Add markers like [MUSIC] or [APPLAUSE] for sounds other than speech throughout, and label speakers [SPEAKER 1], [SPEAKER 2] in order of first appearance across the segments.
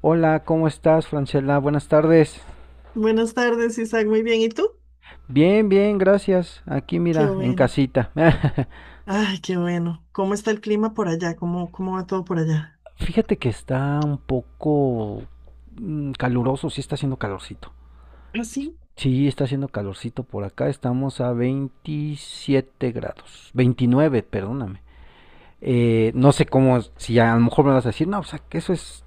[SPEAKER 1] Hola, ¿cómo estás, Francela? Buenas tardes.
[SPEAKER 2] Buenas tardes, Isaac. Muy bien. ¿Y tú?
[SPEAKER 1] Bien, bien, gracias. Aquí
[SPEAKER 2] Qué
[SPEAKER 1] mira, en
[SPEAKER 2] bueno.
[SPEAKER 1] casita. [LAUGHS]
[SPEAKER 2] Ay, qué bueno. ¿Cómo está el clima por allá? ¿Cómo va todo por allá?
[SPEAKER 1] Fíjate que está un poco caluroso, sí está haciendo calorcito.
[SPEAKER 2] Ah, sí.
[SPEAKER 1] Sí, está haciendo calorcito por acá. Estamos a 27 grados. 29, perdóname. No sé cómo, si a lo mejor me vas a decir, no, o sea, que eso es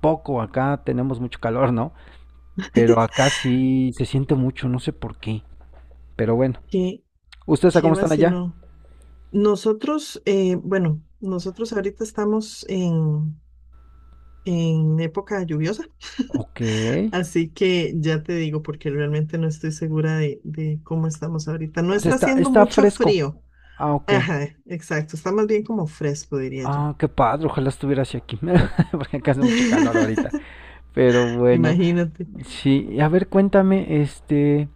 [SPEAKER 1] poco, acá tenemos mucho calor, ¿no? Pero
[SPEAKER 2] [LAUGHS]
[SPEAKER 1] acá sí se siente mucho, no sé por qué. Pero bueno,
[SPEAKER 2] Qué,
[SPEAKER 1] ¿ustedes a
[SPEAKER 2] qué
[SPEAKER 1] cómo están allá?
[SPEAKER 2] vacilón. Nosotros, bueno, nosotros ahorita estamos en época lluviosa, [LAUGHS]
[SPEAKER 1] Ok.
[SPEAKER 2] así que ya te digo porque realmente no estoy segura de cómo estamos ahorita. No
[SPEAKER 1] Pues
[SPEAKER 2] está
[SPEAKER 1] está,
[SPEAKER 2] haciendo
[SPEAKER 1] está
[SPEAKER 2] mucho
[SPEAKER 1] fresco.
[SPEAKER 2] frío.
[SPEAKER 1] Ah, ok.
[SPEAKER 2] Ajá, exacto. Está más bien como fresco, diría yo.
[SPEAKER 1] Ah, qué padre, ojalá estuviera hacia aquí, [LAUGHS] porque acá hace mucho calor ahorita. Pero bueno,
[SPEAKER 2] Imagínate.
[SPEAKER 1] sí. Y a ver, cuéntame,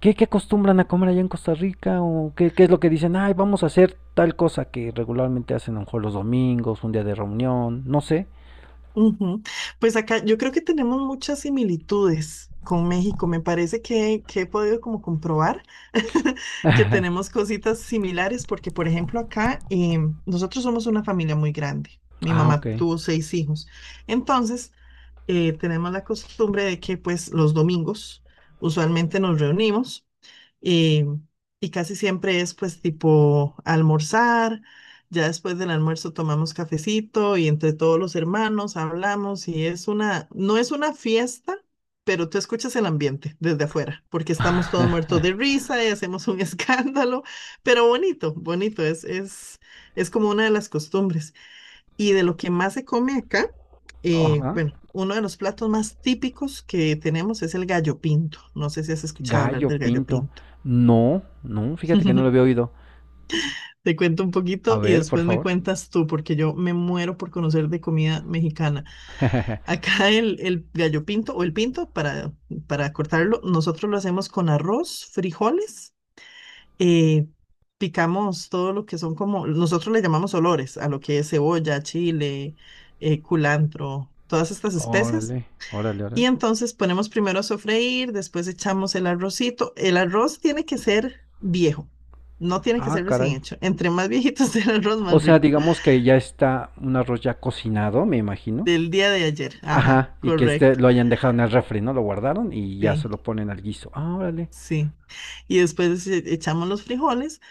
[SPEAKER 1] ¿qué, qué acostumbran a comer allá en Costa Rica? ¿O qué, qué es lo que dicen? Ay, vamos a hacer tal cosa que regularmente hacen a lo mejor los domingos, un día de reunión, no sé.
[SPEAKER 2] Ujú. Pues acá yo creo que tenemos muchas similitudes con México. Me parece que he podido como comprobar [LAUGHS] que
[SPEAKER 1] [LAUGHS]
[SPEAKER 2] tenemos cositas similares porque, por ejemplo, acá nosotros somos una familia muy grande. Mi
[SPEAKER 1] Ah,
[SPEAKER 2] mamá
[SPEAKER 1] ok.
[SPEAKER 2] tuvo seis hijos. Entonces, tenemos la costumbre de que pues los domingos usualmente nos reunimos. Y, y casi siempre es pues tipo almorzar, ya después del almuerzo tomamos cafecito y entre todos los hermanos hablamos y es una, no es una fiesta, pero tú escuchas el ambiente desde afuera, porque estamos todos muertos de risa y hacemos un [LAUGHS] escándalo, pero bonito, bonito, es como una de las costumbres. Y de lo que más se come acá,
[SPEAKER 1] Ajá.
[SPEAKER 2] bueno, uno de los platos más típicos que tenemos es el gallo pinto. No sé si has escuchado hablar
[SPEAKER 1] Gallo
[SPEAKER 2] del gallo
[SPEAKER 1] pinto.
[SPEAKER 2] pinto.
[SPEAKER 1] No, no, fíjate que no lo había
[SPEAKER 2] [LAUGHS]
[SPEAKER 1] oído.
[SPEAKER 2] Te cuento un
[SPEAKER 1] A
[SPEAKER 2] poquito y
[SPEAKER 1] ver, por
[SPEAKER 2] después me
[SPEAKER 1] favor.
[SPEAKER 2] cuentas tú, porque yo me muero por conocer de comida mexicana.
[SPEAKER 1] [LAUGHS]
[SPEAKER 2] Acá el gallo pinto o el pinto, para cortarlo, nosotros lo hacemos con arroz, frijoles, eh, picamos todo lo que son como, nosotros le llamamos olores a lo que es cebolla, chile, culantro, todas estas especias.
[SPEAKER 1] Órale, órale, órale.
[SPEAKER 2] Y entonces ponemos primero a sofreír, después echamos el arrocito. El arroz tiene que ser viejo, no tiene que
[SPEAKER 1] Ah,
[SPEAKER 2] ser recién
[SPEAKER 1] caray.
[SPEAKER 2] hecho. Entre más viejito [LAUGHS] sea el arroz,
[SPEAKER 1] O
[SPEAKER 2] más
[SPEAKER 1] sea,
[SPEAKER 2] rico.
[SPEAKER 1] digamos que ya está un arroz ya cocinado, me imagino.
[SPEAKER 2] Del día de ayer. Ajá,
[SPEAKER 1] Ajá, y que este
[SPEAKER 2] correcto.
[SPEAKER 1] lo hayan dejado en el refri, ¿no? Lo guardaron y ya se
[SPEAKER 2] Sí,
[SPEAKER 1] lo ponen al guiso. Ah, órale.
[SPEAKER 2] sí. Y después echamos los frijoles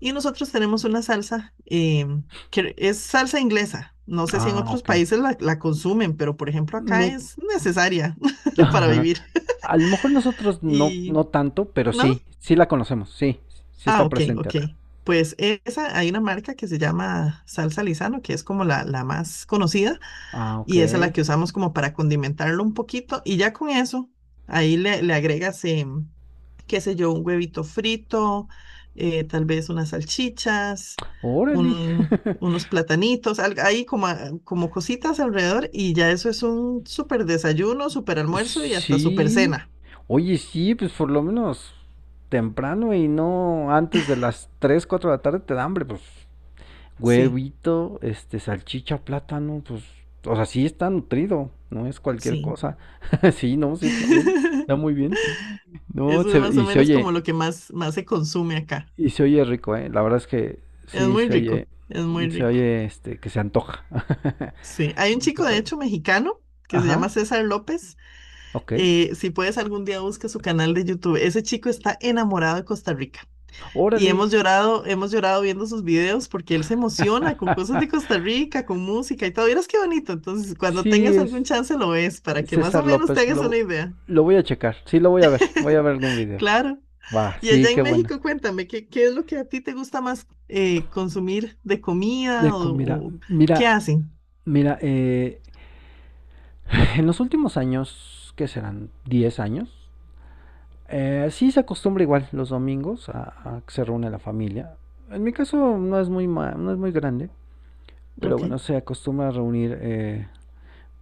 [SPEAKER 2] y nosotros tenemos una salsa que es salsa inglesa. No sé si en
[SPEAKER 1] Ah,
[SPEAKER 2] otros
[SPEAKER 1] ok.
[SPEAKER 2] países la consumen, pero por ejemplo acá
[SPEAKER 1] No,
[SPEAKER 2] es necesaria
[SPEAKER 1] [LAUGHS]
[SPEAKER 2] [LAUGHS] para
[SPEAKER 1] ajá.
[SPEAKER 2] vivir.
[SPEAKER 1] A lo mejor nosotros no,
[SPEAKER 2] Y,
[SPEAKER 1] no tanto, pero
[SPEAKER 2] ¿no?
[SPEAKER 1] sí, sí la conocemos, sí, sí
[SPEAKER 2] Ah,
[SPEAKER 1] está
[SPEAKER 2] ok,
[SPEAKER 1] presente
[SPEAKER 2] ok.
[SPEAKER 1] acá.
[SPEAKER 2] Pues esa, hay una marca que se llama salsa Lisano que es como la más conocida,
[SPEAKER 1] Ah, ok.
[SPEAKER 2] y esa es la que usamos como para condimentarlo un poquito, y ya con eso, ahí le agregas, qué sé yo, un huevito frito, tal vez unas salchichas,
[SPEAKER 1] Órale.
[SPEAKER 2] unos
[SPEAKER 1] [LAUGHS]
[SPEAKER 2] platanitos, ahí como, como cositas alrededor, y ya eso es un súper desayuno, súper almuerzo y hasta súper
[SPEAKER 1] Sí.
[SPEAKER 2] cena.
[SPEAKER 1] Oye, sí, pues por lo menos temprano y no antes de las 3, 4 de la tarde te da hambre, pues
[SPEAKER 2] Sí,
[SPEAKER 1] huevito, salchicha, plátano, pues, o sea, sí está nutrido, no es cualquier
[SPEAKER 2] sí.
[SPEAKER 1] cosa. [LAUGHS] Sí, no, sí está bien, está
[SPEAKER 2] [LAUGHS]
[SPEAKER 1] muy bien. No,
[SPEAKER 2] Eso es
[SPEAKER 1] se,
[SPEAKER 2] más o menos como lo que más se consume acá.
[SPEAKER 1] y se oye rico, eh. La verdad es que
[SPEAKER 2] Es
[SPEAKER 1] sí
[SPEAKER 2] muy rico, es muy
[SPEAKER 1] se
[SPEAKER 2] rico.
[SPEAKER 1] oye, que se antoja. [LAUGHS]
[SPEAKER 2] Sí, hay un
[SPEAKER 1] Qué
[SPEAKER 2] chico de
[SPEAKER 1] padre.
[SPEAKER 2] hecho mexicano que se
[SPEAKER 1] Ajá,
[SPEAKER 2] llama César López.
[SPEAKER 1] ok.
[SPEAKER 2] Si puedes algún día busca su canal de YouTube. Ese chico está enamorado de Costa Rica y
[SPEAKER 1] Órale.
[SPEAKER 2] hemos llorado viendo sus videos porque él se emociona con cosas de
[SPEAKER 1] [LAUGHS]
[SPEAKER 2] Costa Rica, con música y todo. Verás qué bonito. Entonces, cuando
[SPEAKER 1] Sí,
[SPEAKER 2] tengas algún
[SPEAKER 1] es
[SPEAKER 2] chance lo ves para que más
[SPEAKER 1] César
[SPEAKER 2] o menos te
[SPEAKER 1] López,
[SPEAKER 2] hagas una idea.
[SPEAKER 1] lo voy a checar, sí lo voy a ver algún video.
[SPEAKER 2] Claro.
[SPEAKER 1] Va,
[SPEAKER 2] Y
[SPEAKER 1] sí,
[SPEAKER 2] allá
[SPEAKER 1] qué
[SPEAKER 2] en
[SPEAKER 1] bueno.
[SPEAKER 2] México, cuéntame, ¿qué es lo que a ti te gusta más consumir de comida
[SPEAKER 1] De comida,
[SPEAKER 2] o qué
[SPEAKER 1] mira,
[SPEAKER 2] hacen?
[SPEAKER 1] mira, [LAUGHS] En los últimos años, que serán 10 años, sí se acostumbra igual los domingos a que se reúne la familia. En mi caso no es muy, no es muy grande, pero
[SPEAKER 2] Ok.
[SPEAKER 1] bueno, se acostumbra a reunir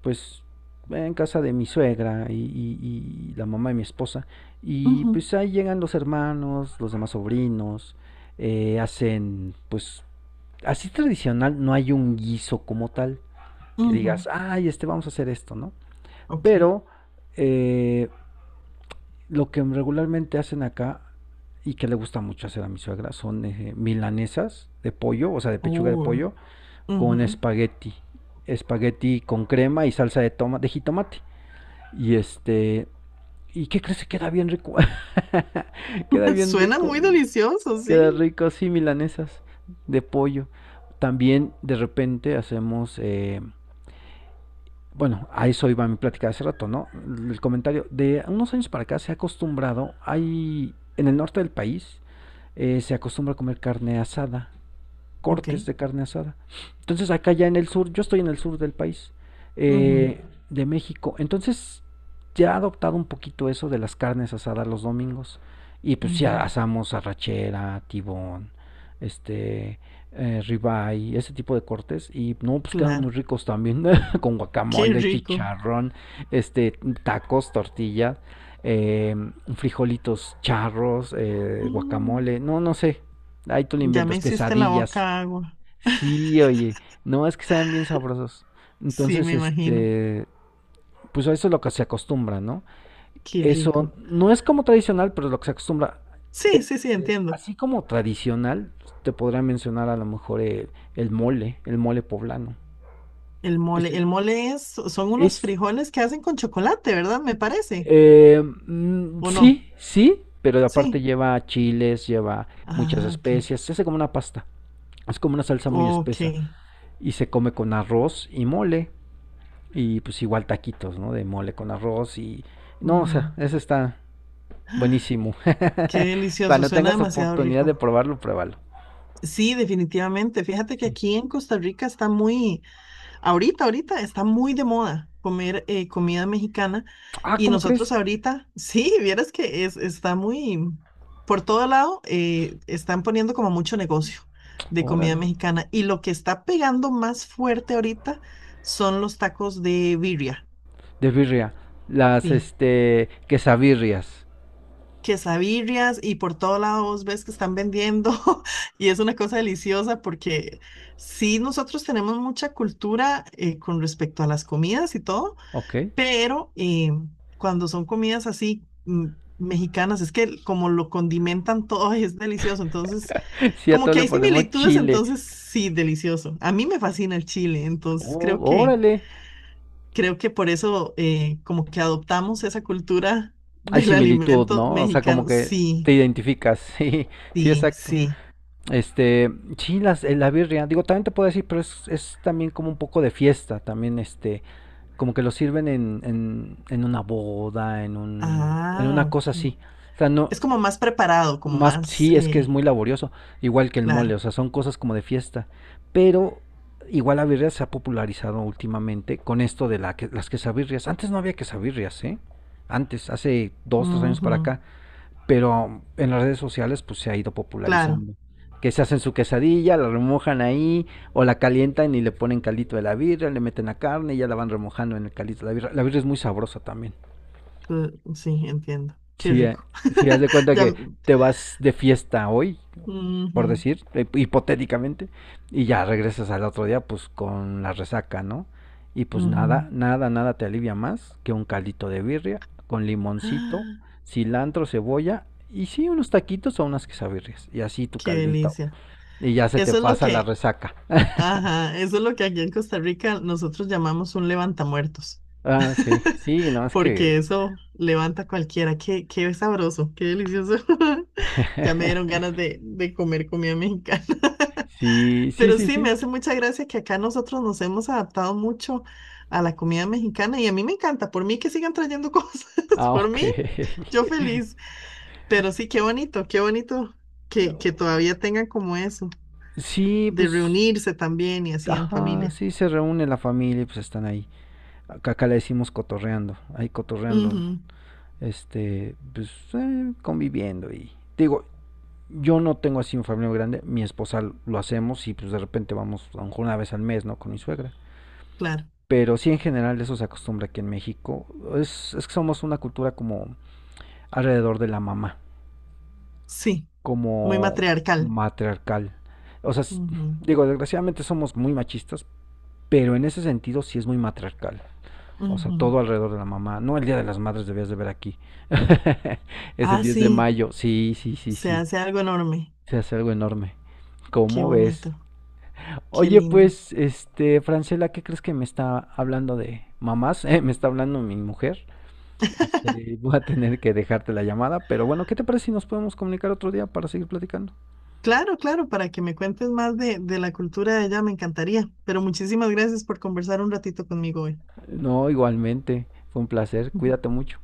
[SPEAKER 1] pues en casa de mi suegra y, y la mamá de mi esposa. Y
[SPEAKER 2] Ujú,
[SPEAKER 1] pues ahí llegan los hermanos, los demás sobrinos, hacen pues así tradicional, no hay un guiso como tal que
[SPEAKER 2] ujú.
[SPEAKER 1] digas, ay, vamos a hacer esto, ¿no?
[SPEAKER 2] Ok.
[SPEAKER 1] Pero... eh, lo que regularmente hacen acá y que le gusta mucho hacer a mi suegra son milanesas de pollo, o sea, de pechuga de
[SPEAKER 2] Oh,
[SPEAKER 1] pollo con
[SPEAKER 2] ujú.
[SPEAKER 1] espagueti, espagueti con crema y salsa de toma de jitomate. Y este, ¿y qué crees que queda bien rico? [LAUGHS] Queda
[SPEAKER 2] [LAUGHS]
[SPEAKER 1] bien
[SPEAKER 2] Suena
[SPEAKER 1] rico.
[SPEAKER 2] muy delicioso,
[SPEAKER 1] Queda
[SPEAKER 2] sí.
[SPEAKER 1] rico, sí, milanesas de pollo. También de repente hacemos bueno, a eso iba mi plática de hace rato, ¿no? El comentario de unos años para acá se ha acostumbrado, hay en el norte del país se acostumbra a comer carne asada
[SPEAKER 2] Ok.
[SPEAKER 1] cortes de carne asada. Entonces acá ya en el sur, yo estoy en el sur del país,
[SPEAKER 2] Ujú,
[SPEAKER 1] eh, de México, entonces ya ha adoptado un poquito eso de las carnes asadas los domingos. Y pues
[SPEAKER 2] ujú.
[SPEAKER 1] ya asamos arrachera, tibón, este, ribeye, ese tipo de cortes. Y no, pues quedan muy
[SPEAKER 2] Claro.
[SPEAKER 1] ricos también, [LAUGHS] con
[SPEAKER 2] Qué
[SPEAKER 1] guacamole,
[SPEAKER 2] rico.
[SPEAKER 1] chicharrón, este, tacos, tortilla, eh, frijolitos charros,
[SPEAKER 2] Mm.
[SPEAKER 1] guacamole, no, no sé. Ahí tú le
[SPEAKER 2] Ya me
[SPEAKER 1] inventas,
[SPEAKER 2] hiciste la
[SPEAKER 1] quesadillas.
[SPEAKER 2] boca agua.
[SPEAKER 1] Sí, oye, no es que saben bien sabrosos.
[SPEAKER 2] Sí,
[SPEAKER 1] Entonces,
[SPEAKER 2] me imagino.
[SPEAKER 1] pues eso es lo que se acostumbra, ¿no?
[SPEAKER 2] Qué rico.
[SPEAKER 1] Eso no es como tradicional, pero es lo que se acostumbra.
[SPEAKER 2] Sí,
[SPEAKER 1] Eh,
[SPEAKER 2] sí, sí, entiendo.
[SPEAKER 1] así como tradicional, te podría mencionar a lo mejor el mole poblano.
[SPEAKER 2] El
[SPEAKER 1] Ese
[SPEAKER 2] mole es, son unos
[SPEAKER 1] es,
[SPEAKER 2] frijoles que hacen con chocolate, ¿verdad? Me parece.
[SPEAKER 1] eh,
[SPEAKER 2] ¿O no?
[SPEAKER 1] sí, sí, pero aparte
[SPEAKER 2] Sí.
[SPEAKER 1] lleva chiles, lleva muchas
[SPEAKER 2] Ah, ok.
[SPEAKER 1] especias, se hace como una pasta. Es como una salsa muy
[SPEAKER 2] Ok.
[SPEAKER 1] espesa y se come con arroz y mole. Y pues igual taquitos, ¿no? De mole con arroz y... No, o
[SPEAKER 2] Ujú.
[SPEAKER 1] sea, ese está buenísimo.
[SPEAKER 2] Qué
[SPEAKER 1] [LAUGHS]
[SPEAKER 2] delicioso,
[SPEAKER 1] Cuando
[SPEAKER 2] suena
[SPEAKER 1] tengas
[SPEAKER 2] demasiado
[SPEAKER 1] oportunidad de
[SPEAKER 2] rico.
[SPEAKER 1] probarlo, pruébalo.
[SPEAKER 2] Sí, definitivamente. Fíjate que
[SPEAKER 1] Sí.
[SPEAKER 2] aquí en Costa Rica está muy, ahorita, ahorita está muy de moda comer comida mexicana
[SPEAKER 1] Ah,
[SPEAKER 2] y
[SPEAKER 1] ¿cómo
[SPEAKER 2] nosotros
[SPEAKER 1] crees?
[SPEAKER 2] ahorita, [LAUGHS] sí, vieras que es, está muy, por todo lado, están poniendo como mucho negocio de comida
[SPEAKER 1] Órale.
[SPEAKER 2] mexicana y lo que está pegando más fuerte ahorita son los tacos de birria.
[SPEAKER 1] De birria. Las,
[SPEAKER 2] Sí.
[SPEAKER 1] quesabirrias.
[SPEAKER 2] Quesadillas y por todos lados ves que están vendiendo [LAUGHS] y es una cosa deliciosa porque sí, nosotros tenemos mucha cultura con respecto a las comidas y todo,
[SPEAKER 1] Ok.
[SPEAKER 2] pero cuando son comidas así mexicanas, es que como lo condimentan todo y es delicioso, entonces
[SPEAKER 1] [LAUGHS] Sí, a
[SPEAKER 2] como
[SPEAKER 1] todo
[SPEAKER 2] que
[SPEAKER 1] le
[SPEAKER 2] hay
[SPEAKER 1] ponemos
[SPEAKER 2] similitudes,
[SPEAKER 1] chile.
[SPEAKER 2] entonces sí, delicioso. A mí me fascina el chile, entonces
[SPEAKER 1] Oh, órale.
[SPEAKER 2] creo que por eso como que adoptamos esa cultura
[SPEAKER 1] Hay
[SPEAKER 2] del
[SPEAKER 1] similitud,
[SPEAKER 2] alimento
[SPEAKER 1] ¿no? O sea, como
[SPEAKER 2] mexicano,
[SPEAKER 1] que te
[SPEAKER 2] sí.
[SPEAKER 1] identificas. [LAUGHS] Sí, sí,
[SPEAKER 2] Sí,
[SPEAKER 1] exacto.
[SPEAKER 2] sí.
[SPEAKER 1] Este, sí, las, la birria. Digo, también te puedo decir, pero es también como un poco de fiesta. También, como que lo sirven en una boda, en un, en
[SPEAKER 2] Ah,
[SPEAKER 1] una
[SPEAKER 2] ok.
[SPEAKER 1] cosa así. O sea, no,
[SPEAKER 2] Es como más preparado, como
[SPEAKER 1] más
[SPEAKER 2] más,
[SPEAKER 1] sí es que es muy laborioso, igual que el mole, o
[SPEAKER 2] claro.
[SPEAKER 1] sea, son cosas como de fiesta. Pero igual la birria se ha popularizado últimamente con esto de la que, las quesabirrias. Antes no había quesabirrias, ¿eh? Antes, hace dos, tres años para
[SPEAKER 2] Ujú,
[SPEAKER 1] acá, pero en las redes sociales pues se ha ido
[SPEAKER 2] claro,
[SPEAKER 1] popularizando. Que se hacen su quesadilla, la remojan ahí, o la calientan y le ponen caldito de la birra, le meten la carne y ya la van remojando en el caldito de la birra. La birra es muy sabrosa también.
[SPEAKER 2] sí, entiendo. Qué
[SPEAKER 1] Si,
[SPEAKER 2] rico.
[SPEAKER 1] si haz de
[SPEAKER 2] [LAUGHS]
[SPEAKER 1] cuenta
[SPEAKER 2] Ya,
[SPEAKER 1] que te vas de fiesta hoy
[SPEAKER 2] ujú,
[SPEAKER 1] por decir, hipotéticamente, y ya regresas al otro día pues con la resaca, ¿no? Y pues nada,
[SPEAKER 2] ujú.
[SPEAKER 1] nada, nada te alivia más que un caldito de birria con
[SPEAKER 2] [GASPS]
[SPEAKER 1] limoncito,
[SPEAKER 2] Ah,
[SPEAKER 1] cilantro, cebolla y sí unos taquitos o unas quesabirrias y así tu
[SPEAKER 2] qué
[SPEAKER 1] caldito
[SPEAKER 2] delicia.
[SPEAKER 1] y ya se te
[SPEAKER 2] Eso es lo
[SPEAKER 1] pasa la
[SPEAKER 2] que,
[SPEAKER 1] resaca.
[SPEAKER 2] ajá, eso es lo que aquí en Costa Rica nosotros llamamos un levantamuertos.
[SPEAKER 1] Ah, sí,
[SPEAKER 2] [LAUGHS]
[SPEAKER 1] sí, no es que
[SPEAKER 2] Porque eso levanta a cualquiera. Qué sabroso, qué delicioso. [LAUGHS] Ya me dieron
[SPEAKER 1] [LAUGHS]
[SPEAKER 2] ganas de comer comida mexicana.
[SPEAKER 1] sí, sí,
[SPEAKER 2] Pero
[SPEAKER 1] sí,
[SPEAKER 2] sí,
[SPEAKER 1] sí.
[SPEAKER 2] me hace mucha gracia que acá nosotros nos hemos adaptado mucho a la comida mexicana y a mí me encanta, por mí que sigan trayendo [LAUGHS] cosas,
[SPEAKER 1] Ah,
[SPEAKER 2] por
[SPEAKER 1] ok.
[SPEAKER 2] mí, yo
[SPEAKER 1] [LAUGHS]
[SPEAKER 2] feliz. Pero sí, qué bonito que todavía tengan como eso,
[SPEAKER 1] Sí,
[SPEAKER 2] de
[SPEAKER 1] pues
[SPEAKER 2] reunirse también y así en
[SPEAKER 1] ajá,
[SPEAKER 2] familia.
[SPEAKER 1] sí se reúne la familia y pues están ahí. Acá, acá le decimos cotorreando, ahí cotorreando,
[SPEAKER 2] Ujú,
[SPEAKER 1] pues conviviendo y digo, yo no tengo así un familia grande, mi esposa lo hacemos y pues de repente vamos a lo mejor una vez al mes, ¿no? Con mi suegra.
[SPEAKER 2] claro,
[SPEAKER 1] Pero sí en general eso se acostumbra aquí en México. Es que somos una cultura como alrededor de la mamá,
[SPEAKER 2] sí, muy
[SPEAKER 1] como
[SPEAKER 2] matriarcal.
[SPEAKER 1] matriarcal. O sea,
[SPEAKER 2] Ujú,
[SPEAKER 1] digo, desgraciadamente somos muy machistas, pero en ese sentido sí es muy matriarcal. O sea,
[SPEAKER 2] ujú.
[SPEAKER 1] todo alrededor de la mamá. No, el Día de las Madres debías de ver aquí. [LAUGHS] Es el
[SPEAKER 2] Ah,
[SPEAKER 1] 10 de
[SPEAKER 2] sí,
[SPEAKER 1] mayo. Sí, sí, sí,
[SPEAKER 2] se
[SPEAKER 1] sí.
[SPEAKER 2] hace algo enorme,
[SPEAKER 1] Se hace algo enorme.
[SPEAKER 2] qué
[SPEAKER 1] ¿Cómo ves?
[SPEAKER 2] bonito, qué
[SPEAKER 1] Oye,
[SPEAKER 2] lindo.
[SPEAKER 1] pues, Francela, ¿qué crees que me está hablando de mamás? [LAUGHS] Me está hablando mi mujer.
[SPEAKER 2] [LAUGHS]
[SPEAKER 1] Voy a tener que dejarte la llamada, pero bueno, ¿qué te parece si nos podemos comunicar otro día para seguir platicando?
[SPEAKER 2] Claro, claro, para que me cuentes más de la cultura de allá, me encantaría. Pero muchísimas gracias por conversar un ratito conmigo hoy.
[SPEAKER 1] No, igualmente. Fue un placer. Cuídate
[SPEAKER 2] [LAUGHS]
[SPEAKER 1] mucho.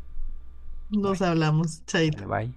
[SPEAKER 1] Bye.
[SPEAKER 2] Nos hablamos, chaito.
[SPEAKER 1] Vale, bye.